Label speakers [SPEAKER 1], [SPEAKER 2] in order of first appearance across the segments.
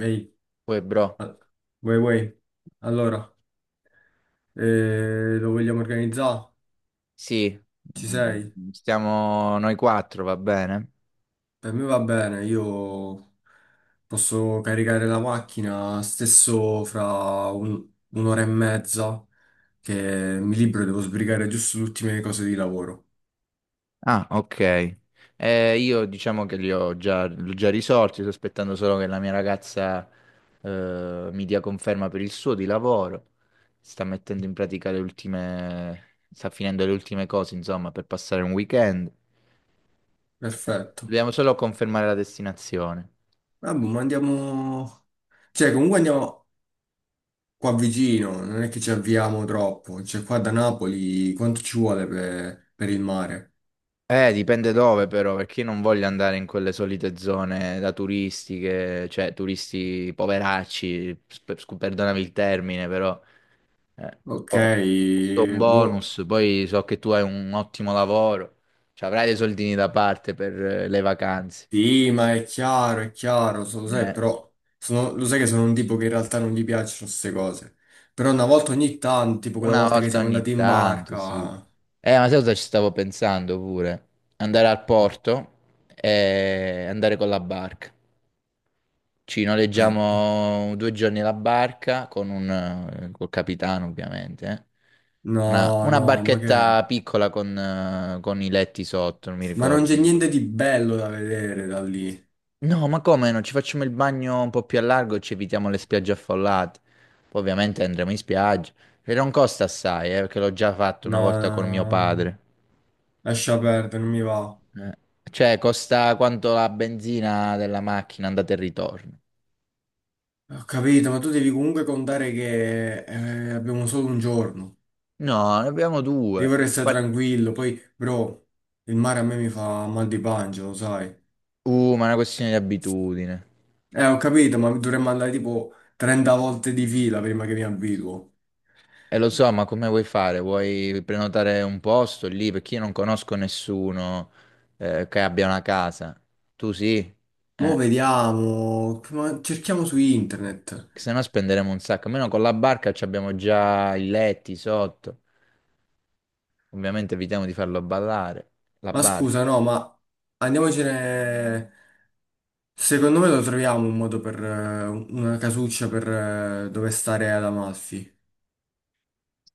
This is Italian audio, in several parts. [SPEAKER 1] Ehi,
[SPEAKER 2] Uè, bro,
[SPEAKER 1] a- vuoi? Allora, lo vogliamo organizzare?
[SPEAKER 2] sì.
[SPEAKER 1] Ci sei?
[SPEAKER 2] Stiamo noi quattro, va bene?
[SPEAKER 1] Per me va bene, io posso caricare la macchina stesso fra un'ora e mezza, che mi libero, devo sbrigare giusto le ultime cose di lavoro.
[SPEAKER 2] Ah, ok. Io diciamo che li ho già risolti, sto aspettando solo che la mia ragazza mi dia conferma per il suo di lavoro. Sta mettendo in pratica le ultime, sta finendo le ultime cose, insomma, per passare un weekend.
[SPEAKER 1] Perfetto.
[SPEAKER 2] Dobbiamo solo confermare la destinazione.
[SPEAKER 1] Vabbè, ma andiamo... Cioè, comunque andiamo qua vicino, non è che ci avviamo troppo. Cioè, qua da Napoli quanto ci vuole per il mare?
[SPEAKER 2] Dipende dove però, perché io non voglio andare in quelle solite zone da turistiche, cioè turisti poveracci, perdonami il termine, però eh,
[SPEAKER 1] Ok,
[SPEAKER 2] ho ho un
[SPEAKER 1] boh.
[SPEAKER 2] bonus, poi so che tu hai un ottimo lavoro, cioè, avrai dei soldini da parte per le vacanze,
[SPEAKER 1] Sì, ma è chiaro, lo sai,
[SPEAKER 2] eh.
[SPEAKER 1] però lo sai che sono un tipo che in realtà non gli piacciono queste cose. Però una volta ogni tanto, tipo quella
[SPEAKER 2] Una
[SPEAKER 1] volta che
[SPEAKER 2] volta
[SPEAKER 1] siamo andati
[SPEAKER 2] ogni
[SPEAKER 1] in
[SPEAKER 2] tanto, sì.
[SPEAKER 1] barca.
[SPEAKER 2] Ma sai cosa ci stavo pensando pure? Andare al porto e andare con la barca. Ci
[SPEAKER 1] al-
[SPEAKER 2] noleggiamo 2 giorni la barca con col capitano, ovviamente, eh. Una,
[SPEAKER 1] No,
[SPEAKER 2] una
[SPEAKER 1] no, ma che è?
[SPEAKER 2] barchetta piccola con i letti sotto, non mi
[SPEAKER 1] Ma non
[SPEAKER 2] ricordo.
[SPEAKER 1] c'è niente di bello da vedere da lì.
[SPEAKER 2] No, ma come no? Ci facciamo il bagno un po' più a largo e ci evitiamo le spiagge affollate. Poi ovviamente andremo in spiaggia. E non costa assai, perché l'ho già fatto una
[SPEAKER 1] No,
[SPEAKER 2] volta
[SPEAKER 1] no,
[SPEAKER 2] con mio
[SPEAKER 1] no,
[SPEAKER 2] padre.
[SPEAKER 1] lascia perdere, non mi va.
[SPEAKER 2] Eh, Cioè, costa quanto la benzina della macchina andata e ritorno.
[SPEAKER 1] Ho capito, ma tu devi comunque contare che abbiamo solo un giorno.
[SPEAKER 2] No, ne abbiamo
[SPEAKER 1] Io
[SPEAKER 2] due.
[SPEAKER 1] vorrei stare tranquillo, poi, bro, il mare a me mi fa mal di pancia, lo sai.
[SPEAKER 2] Ma è una questione di abitudine.
[SPEAKER 1] Ho capito, ma dovremmo andare tipo 30 volte di fila prima che mi abituo.
[SPEAKER 2] E lo so, ma come vuoi fare? Vuoi prenotare un posto lì? Perché io non conosco nessuno che abbia una casa. Tu sì?
[SPEAKER 1] Mo'
[SPEAKER 2] Eh,
[SPEAKER 1] vediamo, ma cerchiamo su internet.
[SPEAKER 2] se no, spenderemo un sacco. Almeno con la barca ci abbiamo già i letti sotto. Ovviamente evitiamo di farlo ballare. La
[SPEAKER 1] Ma
[SPEAKER 2] barca.
[SPEAKER 1] scusa, no, ma andiamocene. Secondo me lo troviamo un modo per una casuccia per dove stare ad Amalfi.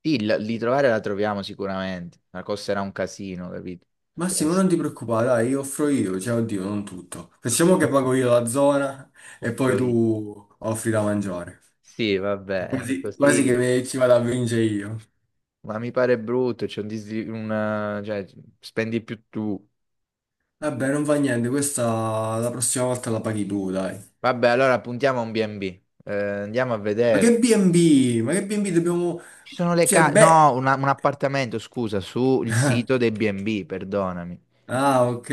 [SPEAKER 2] Sì, di trovare la troviamo sicuramente. Ma costerà un casino, capito? Cioè,
[SPEAKER 1] Massimo,
[SPEAKER 2] sì.
[SPEAKER 1] non ti preoccupare, dai, io offro io, cioè, oddio, non tutto. Facciamo che pago io la zona e poi
[SPEAKER 2] Offroì.
[SPEAKER 1] tu offri da mangiare.
[SPEAKER 2] Sì, vabbè,
[SPEAKER 1] Quasi, quasi che
[SPEAKER 2] così.
[SPEAKER 1] ci vado a vincere io.
[SPEAKER 2] Ma mi pare brutto, c'è, cioè, spendi più tu.
[SPEAKER 1] Vabbè, non fa niente, questa la prossima volta la paghi tu, dai.
[SPEAKER 2] Vabbè, allora puntiamo a un B&B. Andiamo a
[SPEAKER 1] Ma che
[SPEAKER 2] vedere.
[SPEAKER 1] B&B? Ma che B&B dobbiamo...
[SPEAKER 2] Ci sono le
[SPEAKER 1] Cioè,
[SPEAKER 2] case.
[SPEAKER 1] beh...
[SPEAKER 2] No, un appartamento, scusa, sul sito dei B&B, perdonami.
[SPEAKER 1] Ah, ok.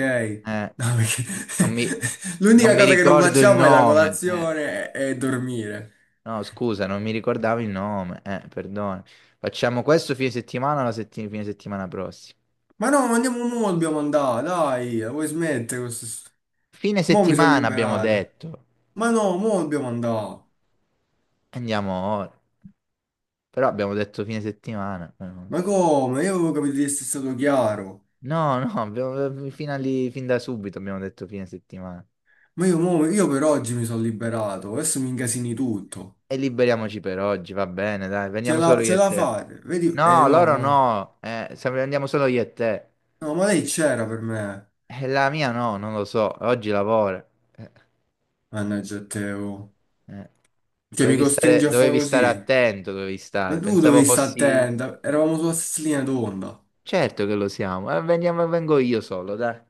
[SPEAKER 2] Eh,
[SPEAKER 1] No, perché...
[SPEAKER 2] non mi... non
[SPEAKER 1] L'unica
[SPEAKER 2] mi
[SPEAKER 1] cosa che non
[SPEAKER 2] ricordo il
[SPEAKER 1] facciamo è la
[SPEAKER 2] nome, eh.
[SPEAKER 1] colazione e dormire.
[SPEAKER 2] No, scusa, non mi ricordavo il nome. Perdona. Facciamo questo fine settimana o fine settimana prossima?
[SPEAKER 1] Ma no, ma andiamo mo, dobbiamo andare, dai, la vuoi smettere questo...
[SPEAKER 2] Fine
[SPEAKER 1] Mo mi sono
[SPEAKER 2] settimana abbiamo
[SPEAKER 1] liberato.
[SPEAKER 2] detto.
[SPEAKER 1] Ma no, mo dobbiamo andare.
[SPEAKER 2] Andiamo ora. Però abbiamo detto fine settimana, non lo so.
[SPEAKER 1] Ma come? Io avevo capito di essere stato chiaro.
[SPEAKER 2] No, no, abbiamo, fino a lì- fin da subito abbiamo detto fine settimana.
[SPEAKER 1] Ma io, io per oggi mi sono liberato, adesso mi incasini tutto.
[SPEAKER 2] E liberiamoci per oggi, va bene, dai,
[SPEAKER 1] Ce
[SPEAKER 2] veniamo solo
[SPEAKER 1] la,
[SPEAKER 2] io
[SPEAKER 1] ce
[SPEAKER 2] e
[SPEAKER 1] la
[SPEAKER 2] te.
[SPEAKER 1] fate, vedi? Eh
[SPEAKER 2] No,
[SPEAKER 1] no,
[SPEAKER 2] loro no, se andiamo solo io e te.
[SPEAKER 1] no, ma lei c'era per me,
[SPEAKER 2] La mia no, non lo so, oggi lavora. Eh,
[SPEAKER 1] mannaggia a te, oh.
[SPEAKER 2] eh.
[SPEAKER 1] Cioè mi costringe a fare
[SPEAKER 2] Dovevi stare
[SPEAKER 1] così.
[SPEAKER 2] attento, dovevi
[SPEAKER 1] Ma
[SPEAKER 2] stare.
[SPEAKER 1] tu
[SPEAKER 2] Pensavo
[SPEAKER 1] dovevi stare
[SPEAKER 2] fossi...
[SPEAKER 1] attenta, eravamo sulla stessa linea d'onda.
[SPEAKER 2] Certo che lo siamo, vengo io solo, dai.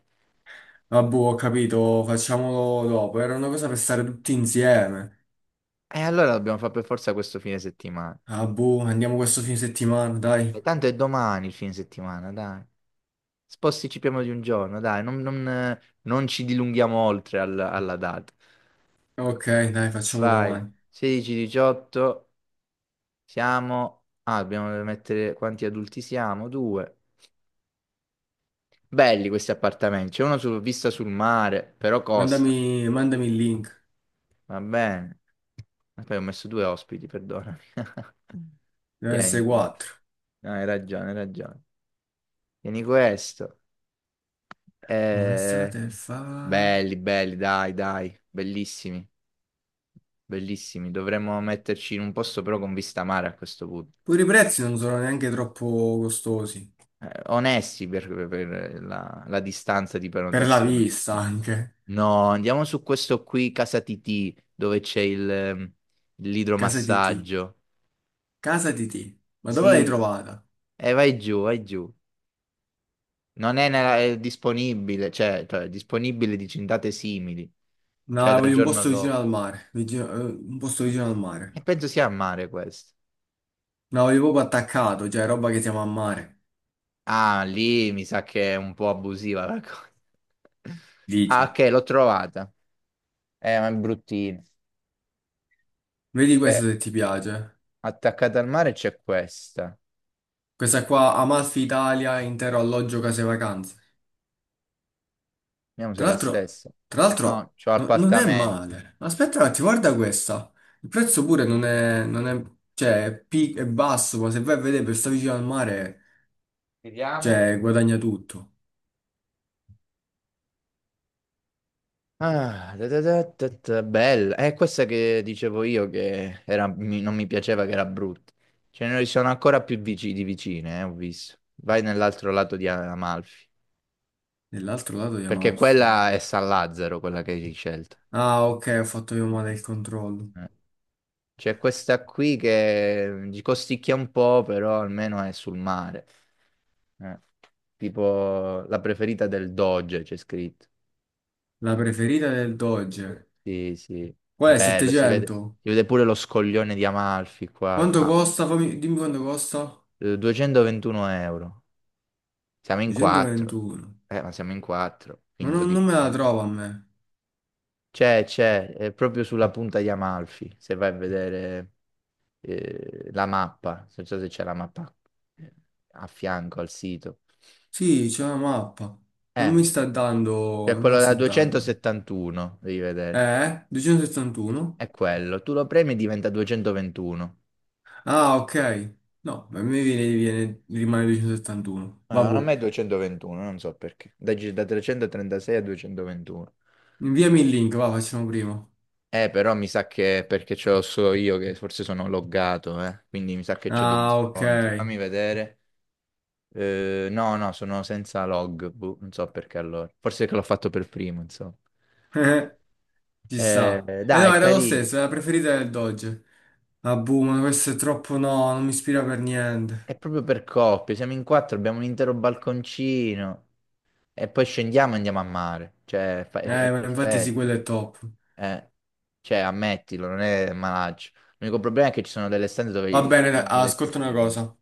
[SPEAKER 1] Ah boh, ho capito, facciamolo dopo, era una cosa per stare tutti insieme.
[SPEAKER 2] E allora dobbiamo fare per forza questo fine settimana.
[SPEAKER 1] Ah boh, andiamo questo fine settimana,
[SPEAKER 2] E
[SPEAKER 1] dai.
[SPEAKER 2] tanto è domani il fine settimana, dai. Posticipiamo di un giorno, dai, non ci dilunghiamo oltre alla data.
[SPEAKER 1] Ok, dai, facciamo
[SPEAKER 2] Vai,
[SPEAKER 1] domani.
[SPEAKER 2] 16-18, siamo. Ah, dobbiamo mettere quanti adulti siamo? Due. Belli questi appartamenti, c'è uno su, vista sul mare, però costa.
[SPEAKER 1] Mandami, mandami il link,
[SPEAKER 2] Va bene. E poi ho messo due ospiti, perdonami.
[SPEAKER 1] deve essere
[SPEAKER 2] Tieni, tieni.
[SPEAKER 1] 4.
[SPEAKER 2] No, hai ragione, hai ragione. Tieni questo. Eh,
[SPEAKER 1] Un'estate fa...
[SPEAKER 2] belli, belli, dai, dai, bellissimi. Bellissimi, dovremmo metterci in un posto però con vista mare a questo punto.
[SPEAKER 1] Pure i prezzi non sono neanche troppo costosi.
[SPEAKER 2] Onesti per la distanza di
[SPEAKER 1] Per la
[SPEAKER 2] prenotazione,
[SPEAKER 1] vista
[SPEAKER 2] insomma.
[SPEAKER 1] anche.
[SPEAKER 2] No, andiamo su questo qui, Casa Titì, dove c'è
[SPEAKER 1] Casa di T.
[SPEAKER 2] l'idromassaggio.
[SPEAKER 1] Casa di T. Ma dove l'hai
[SPEAKER 2] Sì,
[SPEAKER 1] trovata?
[SPEAKER 2] e vai giù, vai giù. Non è, nella- È disponibile, cioè, è disponibile dici in date simili,
[SPEAKER 1] No,
[SPEAKER 2] cioè dal
[SPEAKER 1] voglio un
[SPEAKER 2] giorno
[SPEAKER 1] posto vicino
[SPEAKER 2] dopo.
[SPEAKER 1] al mare. Un posto vicino al
[SPEAKER 2] E
[SPEAKER 1] mare.
[SPEAKER 2] penso sia a mare questo.
[SPEAKER 1] No, voglio proprio attaccato, cioè roba che siamo a mare.
[SPEAKER 2] Ah, lì mi sa che è un po' abusiva la cosa. Ah,
[SPEAKER 1] Dici.
[SPEAKER 2] ok, l'ho trovata. Ma è bruttina.
[SPEAKER 1] Vedi
[SPEAKER 2] Eh,
[SPEAKER 1] questo se ti piace.
[SPEAKER 2] attaccata al mare c'è questa.
[SPEAKER 1] Questa qua, Amalfi Italia, intero alloggio, case e vacanze.
[SPEAKER 2] Vediamo se è
[SPEAKER 1] Tra
[SPEAKER 2] la
[SPEAKER 1] l'altro,
[SPEAKER 2] stessa.
[SPEAKER 1] tra
[SPEAKER 2] No,
[SPEAKER 1] l'altro,
[SPEAKER 2] c'ho
[SPEAKER 1] non è
[SPEAKER 2] appartamento.
[SPEAKER 1] male. Aspetta un attimo, guarda questa. Il prezzo pure non è, non è, cioè, è, è basso, ma se vai a vedere per stare vicino al mare,
[SPEAKER 2] Vediamo.
[SPEAKER 1] cioè, guadagna tutto.
[SPEAKER 2] Ah, da da da da da, bella. È questa che dicevo io che non mi piaceva, che era brutta. Ce ne sono ancora di vicine, ho visto. Vai nell'altro lato di Amalfi.
[SPEAKER 1] Nell'altro lato di
[SPEAKER 2] Perché
[SPEAKER 1] Amalfi.
[SPEAKER 2] quella è San Lazzaro, quella che hai scelto.
[SPEAKER 1] Ah, ok, ho fatto io male il controllo.
[SPEAKER 2] Eh. C'è questa qui che, ci costicchia un po', però almeno è sul mare. Eh, Tipo la preferita del Doge, c'è scritto.
[SPEAKER 1] La preferita del Dodge.
[SPEAKER 2] Sì, sì.
[SPEAKER 1] Qual è?
[SPEAKER 2] Bello,
[SPEAKER 1] 700?
[SPEAKER 2] si vede pure lo scoglione di Amalfi qua.
[SPEAKER 1] Quanto
[SPEAKER 2] Ma,
[SPEAKER 1] costa? Dimmi quanto costa.
[SPEAKER 2] 221 euro. Siamo in quattro.
[SPEAKER 1] 221.
[SPEAKER 2] Ma siamo in quattro,
[SPEAKER 1] Ma
[SPEAKER 2] quindi lo
[SPEAKER 1] non, non me la
[SPEAKER 2] dividiamo.
[SPEAKER 1] trovo a me.
[SPEAKER 2] C'è, è proprio sulla punta di Amalfi, se vai a vedere la mappa, non so se c'è la mappa, eh, a fianco al sito.
[SPEAKER 1] Sì, c'è una mappa. Non
[SPEAKER 2] Eh,
[SPEAKER 1] mi sta dando...
[SPEAKER 2] c'è
[SPEAKER 1] Non me la
[SPEAKER 2] quello da
[SPEAKER 1] sta dando.
[SPEAKER 2] 271, devi vedere.
[SPEAKER 1] Eh? 271?
[SPEAKER 2] È quello. Tu lo premi e diventa 221.
[SPEAKER 1] Ah, ok. No, a me viene, rimane 271. Vabbè.
[SPEAKER 2] Ah, non è 221, non so perché. Da 336 a 221.
[SPEAKER 1] Inviami il link, va, facciamo prima.
[SPEAKER 2] Però mi sa che è perché ce l'ho solo io, che forse sono loggato, eh. Quindi mi sa che ho degli
[SPEAKER 1] Ah, ok.
[SPEAKER 2] sconti. Fammi vedere. No, no, sono senza log. Boh, non so perché allora. Forse che l'ho fatto per primo, insomma.
[SPEAKER 1] Ci sta.
[SPEAKER 2] Eh,
[SPEAKER 1] E
[SPEAKER 2] dai,
[SPEAKER 1] no,
[SPEAKER 2] è
[SPEAKER 1] era lo
[SPEAKER 2] carino.
[SPEAKER 1] stesso, era la preferita del Dodge. Ah, boh, ma questo è troppo no, non mi ispira per niente.
[SPEAKER 2] È proprio per coppie. Siamo in quattro, abbiamo un intero balconcino. E poi scendiamo e andiamo a mare. Cioè, è
[SPEAKER 1] Ma infatti sì, quello
[SPEAKER 2] perfetto.
[SPEAKER 1] è top.
[SPEAKER 2] Eh, cioè, ammettilo, non è malaccio. L'unico problema è che ci sono delle stanze dove
[SPEAKER 1] Va
[SPEAKER 2] ci
[SPEAKER 1] bene, dai,
[SPEAKER 2] sono due
[SPEAKER 1] ah,
[SPEAKER 2] letti
[SPEAKER 1] ascolta una
[SPEAKER 2] singoli.
[SPEAKER 1] cosa.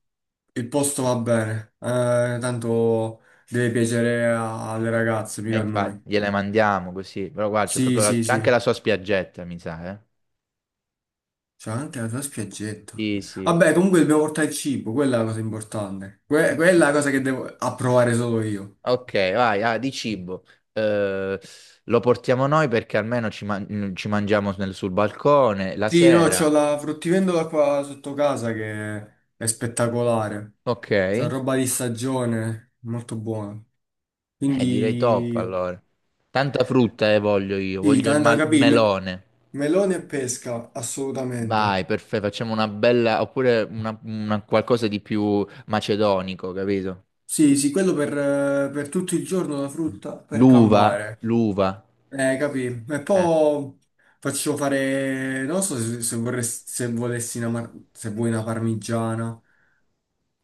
[SPEAKER 1] Il posto va bene. Tanto deve piacere alle ragazze,
[SPEAKER 2] E
[SPEAKER 1] mica a
[SPEAKER 2] infatti,
[SPEAKER 1] noi.
[SPEAKER 2] gliele mandiamo così. Però guarda, c'è
[SPEAKER 1] Sì,
[SPEAKER 2] proprio
[SPEAKER 1] sì,
[SPEAKER 2] c'è anche la
[SPEAKER 1] sì.
[SPEAKER 2] sua spiaggetta, mi sa, eh.
[SPEAKER 1] C'è anche la tua spiaggetta.
[SPEAKER 2] Sì, sì.
[SPEAKER 1] Vabbè, comunque dobbiamo portare il cibo, quella è la cosa importante.
[SPEAKER 2] Di
[SPEAKER 1] Quella è la
[SPEAKER 2] cibo.
[SPEAKER 1] cosa che devo approvare solo io.
[SPEAKER 2] Ok, vai, ah, di cibo. Eh, lo portiamo noi perché almeno ci mangiamo sul balcone la
[SPEAKER 1] Sì, no,
[SPEAKER 2] sera.
[SPEAKER 1] c'ho la fruttivendola qua sotto casa che è spettacolare.
[SPEAKER 2] Ok.
[SPEAKER 1] C'è roba di stagione, molto buona.
[SPEAKER 2] Direi top
[SPEAKER 1] Quindi
[SPEAKER 2] allora. Tanta frutta voglio io,
[SPEAKER 1] sì,
[SPEAKER 2] voglio
[SPEAKER 1] tanto da
[SPEAKER 2] il
[SPEAKER 1] capire,
[SPEAKER 2] melone.
[SPEAKER 1] melone e pesca,
[SPEAKER 2] Vai,
[SPEAKER 1] assolutamente.
[SPEAKER 2] perfetto, facciamo una bella, oppure una qualcosa di più macedonico, capito?
[SPEAKER 1] Sì, sì, quello per tutto il giorno la frutta, per
[SPEAKER 2] L'uva,
[SPEAKER 1] campare.
[SPEAKER 2] l'uva.
[SPEAKER 1] Capì? E poi faccio fare, non so se, se vorresti, se volessi una, se vuoi una parmigiana.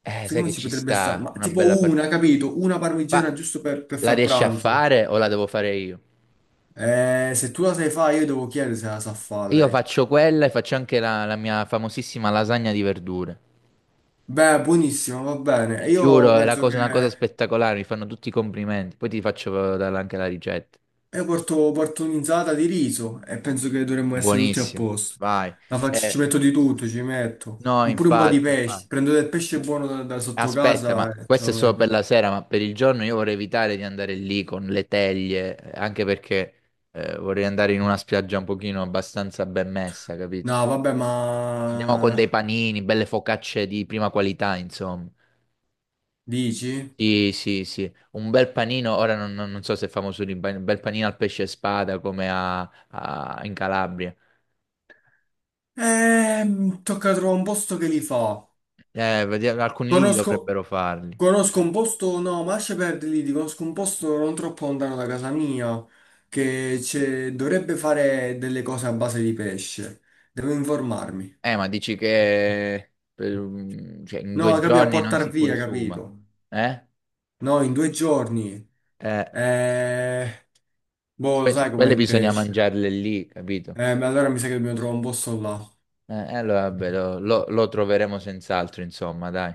[SPEAKER 2] Sai
[SPEAKER 1] Secondo
[SPEAKER 2] che
[SPEAKER 1] me ci
[SPEAKER 2] ci
[SPEAKER 1] potrebbe stare,
[SPEAKER 2] sta,
[SPEAKER 1] ma
[SPEAKER 2] una bella...
[SPEAKER 1] tipo
[SPEAKER 2] par-
[SPEAKER 1] una, capito? Una parmigiana
[SPEAKER 2] Ma
[SPEAKER 1] giusto per
[SPEAKER 2] la
[SPEAKER 1] far
[SPEAKER 2] riesci a
[SPEAKER 1] pranzo.
[SPEAKER 2] fare o la devo fare io?
[SPEAKER 1] Se tu la sai fare, io devo chiedere se la sa fare
[SPEAKER 2] Io
[SPEAKER 1] lei.
[SPEAKER 2] faccio quella e faccio anche la mia famosissima lasagna di verdure.
[SPEAKER 1] Beh, buonissimo, va bene.
[SPEAKER 2] Ti
[SPEAKER 1] Io
[SPEAKER 2] giuro, è
[SPEAKER 1] penso che
[SPEAKER 2] una cosa spettacolare, mi fanno tutti i complimenti. Poi ti faccio dare anche la ricetta.
[SPEAKER 1] io porto, porto un'insalata di riso e penso che dovremmo essere tutti a
[SPEAKER 2] Buonissimo,
[SPEAKER 1] posto.
[SPEAKER 2] vai.
[SPEAKER 1] La faccio, ci
[SPEAKER 2] Eh,
[SPEAKER 1] metto di tutto, ci metto
[SPEAKER 2] no,
[SPEAKER 1] un, pure un po' di
[SPEAKER 2] infatti,
[SPEAKER 1] pesce.
[SPEAKER 2] infatti.
[SPEAKER 1] Prendo del pesce
[SPEAKER 2] Eh,
[SPEAKER 1] buono da, da sotto
[SPEAKER 2] Aspetta,
[SPEAKER 1] casa
[SPEAKER 2] ma
[SPEAKER 1] e ce
[SPEAKER 2] questo
[SPEAKER 1] lo
[SPEAKER 2] è solo per
[SPEAKER 1] metto.
[SPEAKER 2] la sera, ma per il giorno io vorrei evitare di andare lì con le teglie, anche perché vorrei andare in una spiaggia un pochino abbastanza ben messa, capito?
[SPEAKER 1] No, vabbè,
[SPEAKER 2] Andiamo con dei
[SPEAKER 1] ma
[SPEAKER 2] panini, belle focacce di prima qualità, insomma.
[SPEAKER 1] dici?
[SPEAKER 2] Sì, sì, sì, un bel panino, ora non so se è famoso lì, un bel panino al pesce e spada come in Calabria.
[SPEAKER 1] Tocca trovare un posto che li fa.
[SPEAKER 2] Alcuni lì
[SPEAKER 1] Conosco,
[SPEAKER 2] dovrebbero farli.
[SPEAKER 1] conosco un posto, no, ma lascia perdere lì, ti conosco un posto non troppo lontano da casa mia che dovrebbe fare delle cose a base di pesce. Devo informarmi.
[SPEAKER 2] Ma dici che per cioè, in
[SPEAKER 1] No,
[SPEAKER 2] due
[SPEAKER 1] capito, a
[SPEAKER 2] giorni non
[SPEAKER 1] portar
[SPEAKER 2] si
[SPEAKER 1] via, capito?
[SPEAKER 2] consuma, eh?
[SPEAKER 1] No, in due giorni.
[SPEAKER 2] Eh,
[SPEAKER 1] Eh, boh, lo
[SPEAKER 2] que-
[SPEAKER 1] sai com'è
[SPEAKER 2] quelle
[SPEAKER 1] il
[SPEAKER 2] bisogna
[SPEAKER 1] pesce.
[SPEAKER 2] mangiarle lì, capito?
[SPEAKER 1] Ma allora mi sa che dobbiamo trovare un posto là.
[SPEAKER 2] Allora vabbè, lo troveremo senz'altro, insomma, dai.